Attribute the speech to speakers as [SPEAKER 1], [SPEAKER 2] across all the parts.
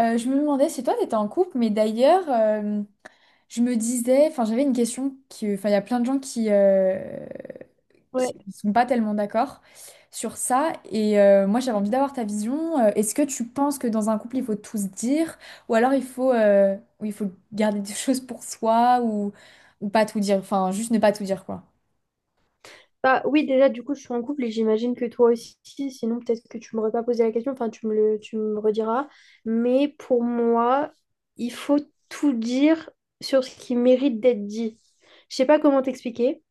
[SPEAKER 1] Je me demandais si toi t'étais en couple. Mais d'ailleurs, je me disais, enfin, j'avais une question qui, il y a plein de gens qui qui
[SPEAKER 2] Ouais.
[SPEAKER 1] sont pas tellement d'accord sur ça. Et moi j'avais envie d'avoir ta vision. Est-ce que tu penses que dans un couple il faut tout se dire, ou alors il faut, ou il faut garder des choses pour soi, ou pas tout dire, enfin juste ne pas tout dire quoi.
[SPEAKER 2] Bah, oui, déjà, du coup, je suis en couple et j'imagine que toi aussi, sinon peut-être que tu m'aurais pas posé la question, enfin, tu me rediras. Mais pour moi, il faut tout dire sur ce qui mérite d'être dit. Je sais pas comment t'expliquer,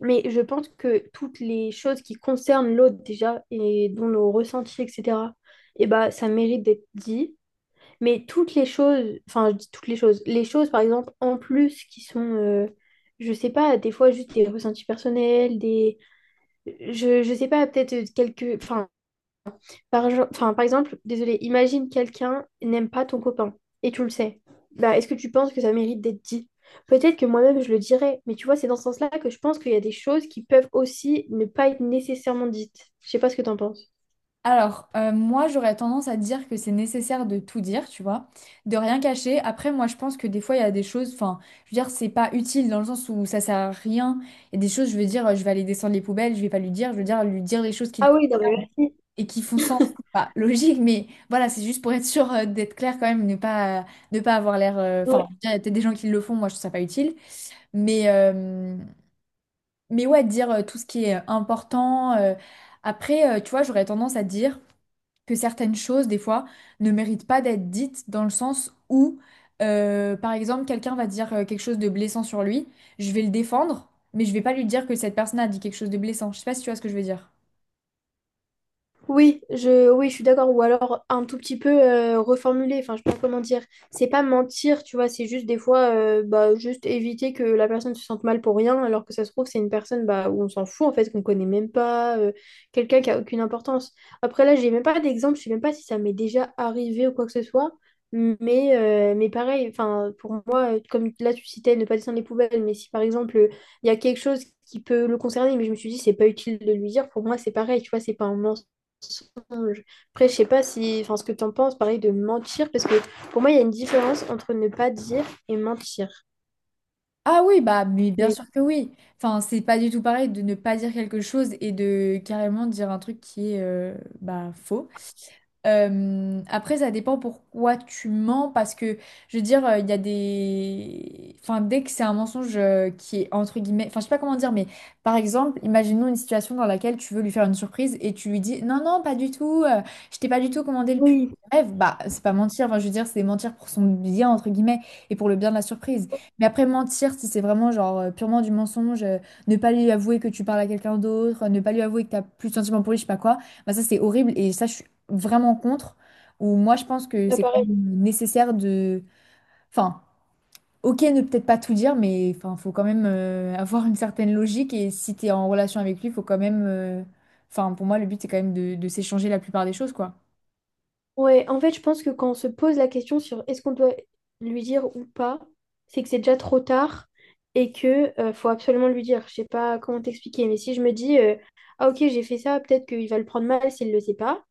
[SPEAKER 2] mais je pense que toutes les choses qui concernent l'autre déjà et dont nos ressentis, etc., et bah, ça mérite d'être dit. Mais toutes les choses, enfin, je dis toutes les choses, par exemple, en plus qui sont, je sais pas, des fois juste des ressentis personnels, je sais pas, peut-être quelques. Enfin, enfin, par exemple, désolé, imagine quelqu'un n'aime pas ton copain et tu le sais. Bah, est-ce que tu penses que ça mérite d'être dit? Peut-être que moi-même je le dirais, mais tu vois, c'est dans ce sens-là que je pense qu'il y a des choses qui peuvent aussi ne pas être nécessairement dites. Je sais pas ce que t'en penses.
[SPEAKER 1] Alors, moi, j'aurais tendance à dire que c'est nécessaire de tout dire, tu vois, de rien cacher. Après, moi, je pense que des fois, il y a des choses, enfin, je veux dire, c'est pas utile dans le sens où ça sert à rien. Il y a des choses, je veux dire, je vais aller descendre les poubelles, je vais pas lui dire, je veux dire, lui dire les choses qui le
[SPEAKER 2] Ah oui, non, mais
[SPEAKER 1] concernent
[SPEAKER 2] merci.
[SPEAKER 1] et qui font sens. C'est pas logique, mais voilà, c'est juste pour être sûr d'être clair quand même, ne pas avoir l'air. Enfin,
[SPEAKER 2] Ouais.
[SPEAKER 1] je veux dire, il y a peut-être des gens qui le font, moi, je trouve ça pas utile. Mais, euh, mais ouais, dire tout ce qui est important. Après, tu vois, j'aurais tendance à dire que certaines choses, des fois, ne méritent pas d'être dites dans le sens où, par exemple, quelqu'un va dire quelque chose de blessant sur lui, je vais le défendre, mais je vais pas lui dire que cette personne a dit quelque chose de blessant. Je sais pas si tu vois ce que je veux dire.
[SPEAKER 2] Oui, oui, je suis d'accord. Ou alors un tout petit peu reformuler. Enfin, je sais pas comment dire. C'est pas mentir, tu vois. C'est juste des fois, bah, juste éviter que la personne se sente mal pour rien, alors que ça se trouve, c'est une personne bah, où on s'en fout, en fait, qu'on connaît même pas, quelqu'un qui a aucune importance. Après, là, j'ai même pas d'exemple. Je sais même pas si ça m'est déjà arrivé ou quoi que ce soit. Mais pareil, enfin, pour moi, comme là, tu citais ne pas descendre les poubelles, mais si par exemple, il y a quelque chose qui peut le concerner, mais je me suis dit, c'est pas utile de lui dire, pour moi, c'est pareil, tu vois, c'est pas un mensonge mensonge. Après, je sais pas si, enfin, ce que tu en penses, pareil, de mentir, parce que pour moi, il y a une différence entre ne pas dire et mentir.
[SPEAKER 1] Ah oui, bah, mais bien
[SPEAKER 2] Mais
[SPEAKER 1] sûr que oui. Enfin, c'est pas du tout pareil de ne pas dire quelque chose et de carrément dire un truc qui est, bah, faux. Après, ça dépend pourquoi tu mens, parce que, je veux dire, il y a des... Enfin, dès que c'est un mensonge qui est entre guillemets... Enfin, je sais pas comment dire, mais par exemple, imaginons une situation dans laquelle tu veux lui faire une surprise et tu lui dis, non, non, pas du tout, je t'ai pas du tout commandé le pull. De
[SPEAKER 2] oui,
[SPEAKER 1] Bah, c'est pas mentir, enfin, je veux dire, c'est mentir pour son bien, entre guillemets, et pour le bien de la surprise. Mais après, mentir, si c'est vraiment genre purement du mensonge, ne pas lui avouer que tu parles à quelqu'un d'autre, ne pas lui avouer que t'as plus de sentiments pour lui, je sais pas quoi, bah, ça c'est horrible et ça, je vraiment contre, où moi je pense que
[SPEAKER 2] bah,
[SPEAKER 1] c'est quand
[SPEAKER 2] pareil.
[SPEAKER 1] même nécessaire de... Enfin, ok, ne peut-être pas tout dire, mais enfin, faut quand même avoir une certaine logique, et si tu es en relation avec lui, faut quand même... Enfin, pour moi, le but, c'est quand même de s'échanger la plupart des choses, quoi.
[SPEAKER 2] Ouais, en fait, je pense que quand on se pose la question sur est-ce qu'on doit lui dire ou pas, c'est que c'est déjà trop tard et que faut absolument lui dire. Je sais pas comment t'expliquer, mais si je me dis, ah ok, j'ai fait ça, peut-être qu'il va le prendre mal s'il le sait pas.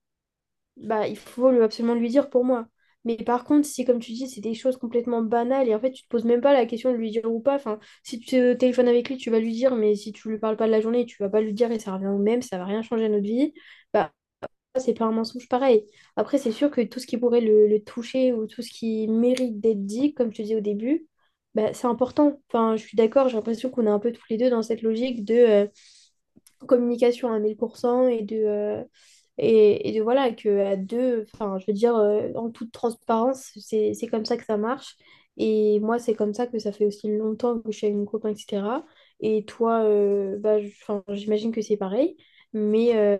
[SPEAKER 2] Bah, il faut absolument lui dire pour moi. Mais par contre, si comme tu dis, c'est des choses complètement banales et en fait, tu te poses même pas la question de lui dire ou pas. Enfin, si tu te téléphones avec lui, tu vas lui dire, mais si tu lui parles pas de la journée, tu vas pas lui dire et ça revient au même, ça va rien changer à notre vie. Bah, c'est pas un mensonge pareil. Après, c'est sûr que tout ce qui pourrait le toucher ou tout ce qui mérite d'être dit, comme je te disais au début, bah, c'est important. Enfin, je suis d'accord, j'ai l'impression qu'on est un peu tous les deux dans cette logique de communication à 1000% et et de voilà, que à deux, enfin, je veux dire, en toute transparence, c'est comme ça que ça marche. Et moi, c'est comme ça que ça fait aussi longtemps que je suis avec mon copain, etc. Et toi, bah, enfin, j'imagine que c'est pareil. Mais, euh,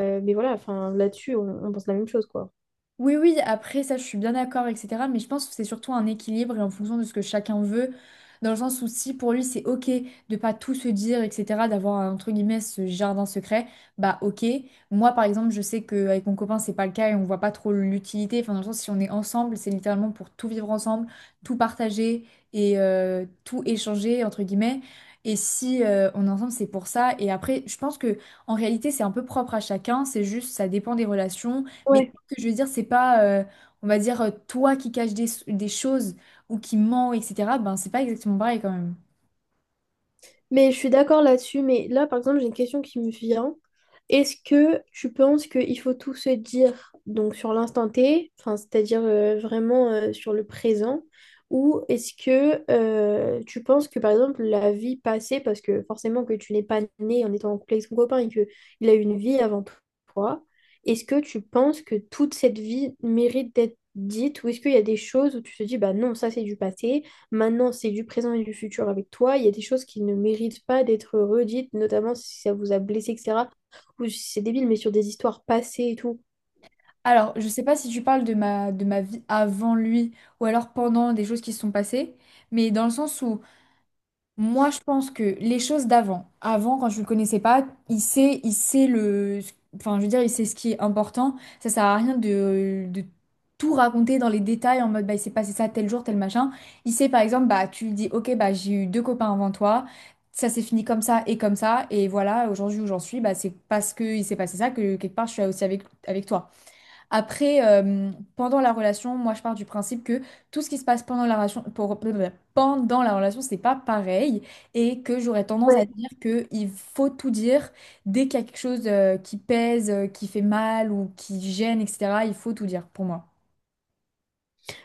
[SPEAKER 2] mais voilà, enfin, là-dessus, on pense la même chose, quoi.
[SPEAKER 1] Oui, oui, après ça, je suis bien d'accord, etc. Mais je pense que c'est surtout un équilibre et en fonction de ce que chacun veut, dans le sens où si pour lui c'est ok de pas tout se dire, etc., d'avoir un, entre guillemets ce jardin secret, bah ok. Moi par exemple, je sais qu'avec mon copain c'est pas le cas et on voit pas trop l'utilité. Enfin, dans le sens, si on est ensemble, c'est littéralement pour tout vivre ensemble, tout partager et tout échanger, entre guillemets. Et si on est ensemble, c'est pour ça. Et après, je pense que en réalité, c'est un peu propre à chacun. C'est juste, ça dépend des relations que je veux dire, c'est pas, on va dire, toi qui caches des choses ou qui ment, etc. Ben, c'est pas exactement pareil quand même.
[SPEAKER 2] Mais je suis d'accord là-dessus, mais là, par exemple, j'ai une question qui me vient. Est-ce que tu penses qu'il faut tout se dire donc sur l'instant T, enfin, c'est-à-dire vraiment sur le présent, ou est-ce que tu penses que, par exemple, la vie passée, parce que forcément que tu n'es pas né en étant en couple avec ton copain et qu'il a eu une vie avant toi, est-ce que tu penses que toute cette vie mérite d'être dite, ou est-ce qu'il y a des choses où tu te dis, bah non, ça c'est du passé. maintenant, c'est du présent et du futur avec toi. Il y a des choses qui ne méritent pas d'être redites, notamment si ça vous a blessé, etc. Ou si c'est débile, mais sur des histoires passées et tout.
[SPEAKER 1] Alors, je sais pas si tu parles de ma vie avant lui ou alors pendant des choses qui se sont passées, mais dans le sens où moi, je pense que les choses d'avant, avant, quand je le connaissais pas, il sait, il sait, je veux dire, il sait ce qui est important. Ça sert à rien de tout raconter dans les détails en mode, bah, il s'est passé ça tel jour, tel machin. Il sait, par exemple, bah, tu lui dis, ok, bah, j'ai eu 2 copains avant toi, ça s'est fini comme ça, et voilà, aujourd'hui où j'en suis, bah, c'est parce que il s'est passé ça que quelque part je suis aussi avec, avec toi. Après, pendant la relation, moi je pars du principe que tout ce qui se passe pendant la relation, pendant la relation, c'est pas pareil et que j'aurais tendance à
[SPEAKER 2] Ouais.
[SPEAKER 1] dire que il faut tout dire dès qu'il y a quelque chose qui pèse, qui fait mal ou qui gêne, etc. Il faut tout dire pour moi.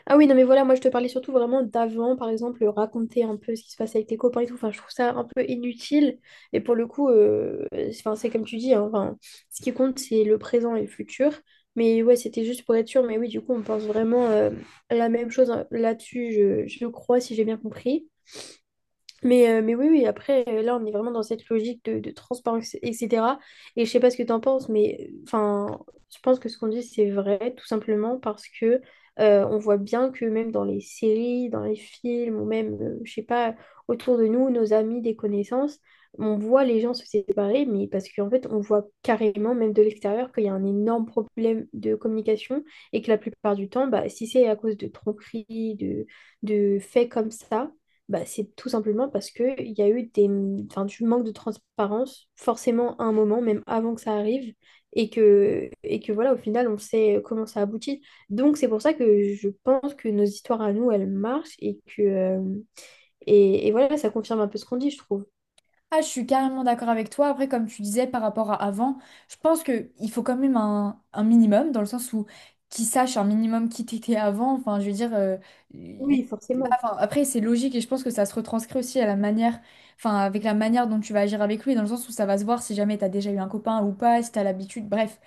[SPEAKER 2] Ah oui, non, mais voilà, moi je te parlais surtout vraiment d'avant, par exemple, raconter un peu ce qui se passe avec tes copains et tout. Enfin, je trouve ça un peu inutile. Et pour le coup, c'est enfin, c'est comme tu dis, hein, enfin, ce qui compte, c'est le présent et le futur. Mais ouais, c'était juste pour être sûr. Mais oui, du coup, on pense vraiment la même chose hein, là-dessus, je crois, si j'ai bien compris. Mais oui, oui, après, là, on est vraiment dans cette logique de transparence, etc. Et je sais pas ce que tu en penses, mais enfin, je pense que ce qu'on dit, c'est vrai, tout simplement parce que on voit bien que même dans les séries, dans les films, ou même, je sais pas, autour de nous, nos amis, des connaissances, on voit les gens se séparer, mais parce qu'en fait, on voit carrément, même de l'extérieur, qu'il y a un énorme problème de communication et que la plupart du temps, bah, si c'est à cause de tronqueries, de faits comme ça, bah, c'est tout simplement parce qu'il y a eu des, enfin, du manque de transparence, forcément à un moment, même avant que ça arrive, et que voilà, au final, on sait comment ça aboutit. Donc, c'est pour ça que je pense que nos histoires à nous, elles marchent, et que, voilà, ça confirme un peu ce qu'on dit, je trouve.
[SPEAKER 1] Ah, je suis carrément d'accord avec toi. Après, comme tu disais par rapport à avant, je pense que il faut quand même un minimum dans le sens où qui sache un minimum qui t'étais avant. Enfin, je veux dire. euh,
[SPEAKER 2] Oui, forcément.
[SPEAKER 1] Enfin, après, c'est logique et je pense que ça se retranscrit aussi à la manière, enfin, avec la manière dont tu vas agir avec lui, dans le sens où ça va se voir si jamais tu as déjà eu un copain ou pas, si tu as l'habitude, bref.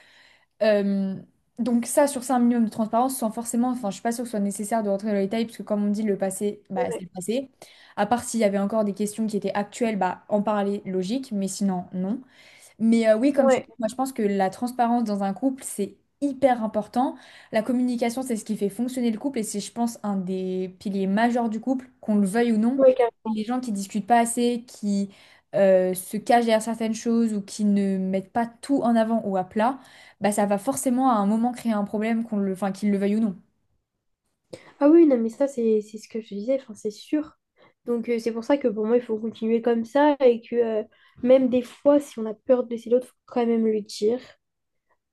[SPEAKER 1] Euh, donc ça, sur ça, un minimum de transparence, sans forcément, enfin, je suis pas sûre que ce soit nécessaire de rentrer dans les détails, parce que comme on dit, le passé, bah,
[SPEAKER 2] Ouais,
[SPEAKER 1] c'est le passé. À part s'il y avait encore des questions qui étaient actuelles, bah, en parler, logique, mais sinon, non. Mais oui, comme tu
[SPEAKER 2] ouais,
[SPEAKER 1] dis, moi je pense que la transparence dans un couple, c'est hyper important. La communication, c'est ce qui fait fonctionner le couple et c'est, je pense, un des piliers majeurs du couple, qu'on le veuille ou non.
[SPEAKER 2] ouais,
[SPEAKER 1] Et
[SPEAKER 2] carrément.
[SPEAKER 1] les gens qui discutent pas assez, qui se cachent derrière certaines choses ou qui ne mettent pas tout en avant ou à plat, bah ça va forcément à un moment créer un problème, qu'ils le veuillent ou non.
[SPEAKER 2] Ah oui, non, mais ça, c'est ce que je te disais, enfin, c'est sûr. Donc, c'est pour ça que pour moi, il faut continuer comme ça, et que même des fois, si on a peur de blesser l'autre, faut quand même le dire.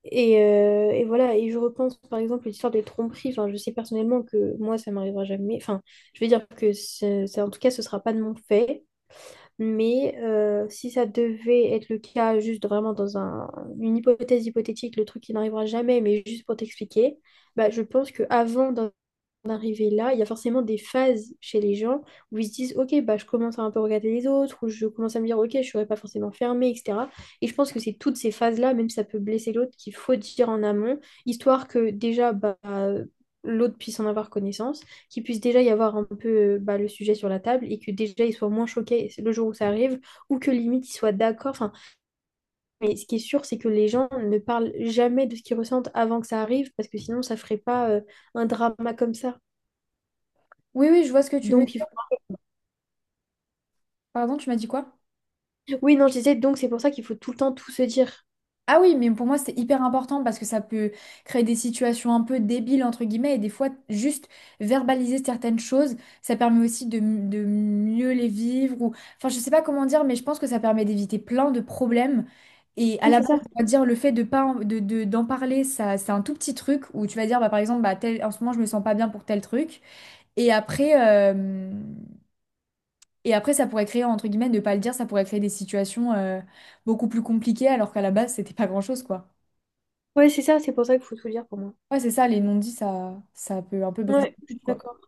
[SPEAKER 2] Et voilà, et je repense par exemple à l'histoire des tromperies. Enfin, je sais personnellement que moi, ça m'arrivera jamais. Enfin, je veux dire que en tout cas, ce sera pas de mon fait. Mais si ça devait être le cas, juste vraiment dans une hypothèse hypothétique, le truc qui n'arrivera jamais, mais juste pour t'expliquer, bah, je pense que avant en arriver là, il y a forcément des phases chez les gens où ils se disent, ok, bah, je commence à un peu regarder les autres, ou je commence à me dire, ok, je ne serai pas forcément fermée, etc. Et je pense que c'est toutes ces phases-là, même si ça peut blesser l'autre, qu'il faut dire en amont, histoire que déjà, bah, l'autre puisse en avoir connaissance, qu'il puisse déjà y avoir un peu bah, le sujet sur la table, et que déjà, il soit moins choqué le jour où ça arrive, ou que limite, il soit d'accord. Enfin, mais ce qui est sûr, c'est que les gens ne parlent jamais de ce qu'ils ressentent avant que ça arrive, parce que sinon, ça ferait pas un drama comme ça.
[SPEAKER 1] Oui, oui, je vois ce que tu veux
[SPEAKER 2] Donc, il
[SPEAKER 1] dire. Pardon, tu m'as dit quoi?
[SPEAKER 2] Oui, non, je disais, donc c'est pour ça qu'il faut tout le temps tout se dire.
[SPEAKER 1] Ah oui, mais pour moi, c'est hyper important parce que ça peut créer des situations un peu débiles, entre guillemets, et des fois, juste verbaliser certaines choses, ça permet aussi de mieux les vivre. Ou... Enfin, je sais pas comment dire, mais je pense que ça permet d'éviter plein de problèmes. Et à
[SPEAKER 2] Oui,
[SPEAKER 1] la
[SPEAKER 2] c'est
[SPEAKER 1] base,
[SPEAKER 2] ça.
[SPEAKER 1] on va dire, le fait de pas d'en parler, ça, c'est un tout petit truc où tu vas dire, bah, par exemple, bah, tel, en ce moment, je me sens pas bien pour tel truc. Et après, euh, et après, ça pourrait créer, entre guillemets, ne pas le dire, ça pourrait créer des situations, beaucoup plus compliquées alors qu'à la base, c'était pas grand-chose, quoi.
[SPEAKER 2] Ouais, c'est ça, c'est pour ça qu'il faut tout dire pour moi.
[SPEAKER 1] Ouais, c'est ça, les non-dits, ça peut un peu briser
[SPEAKER 2] Ouais, je
[SPEAKER 1] le
[SPEAKER 2] suis
[SPEAKER 1] couple, quoi.
[SPEAKER 2] d'accord.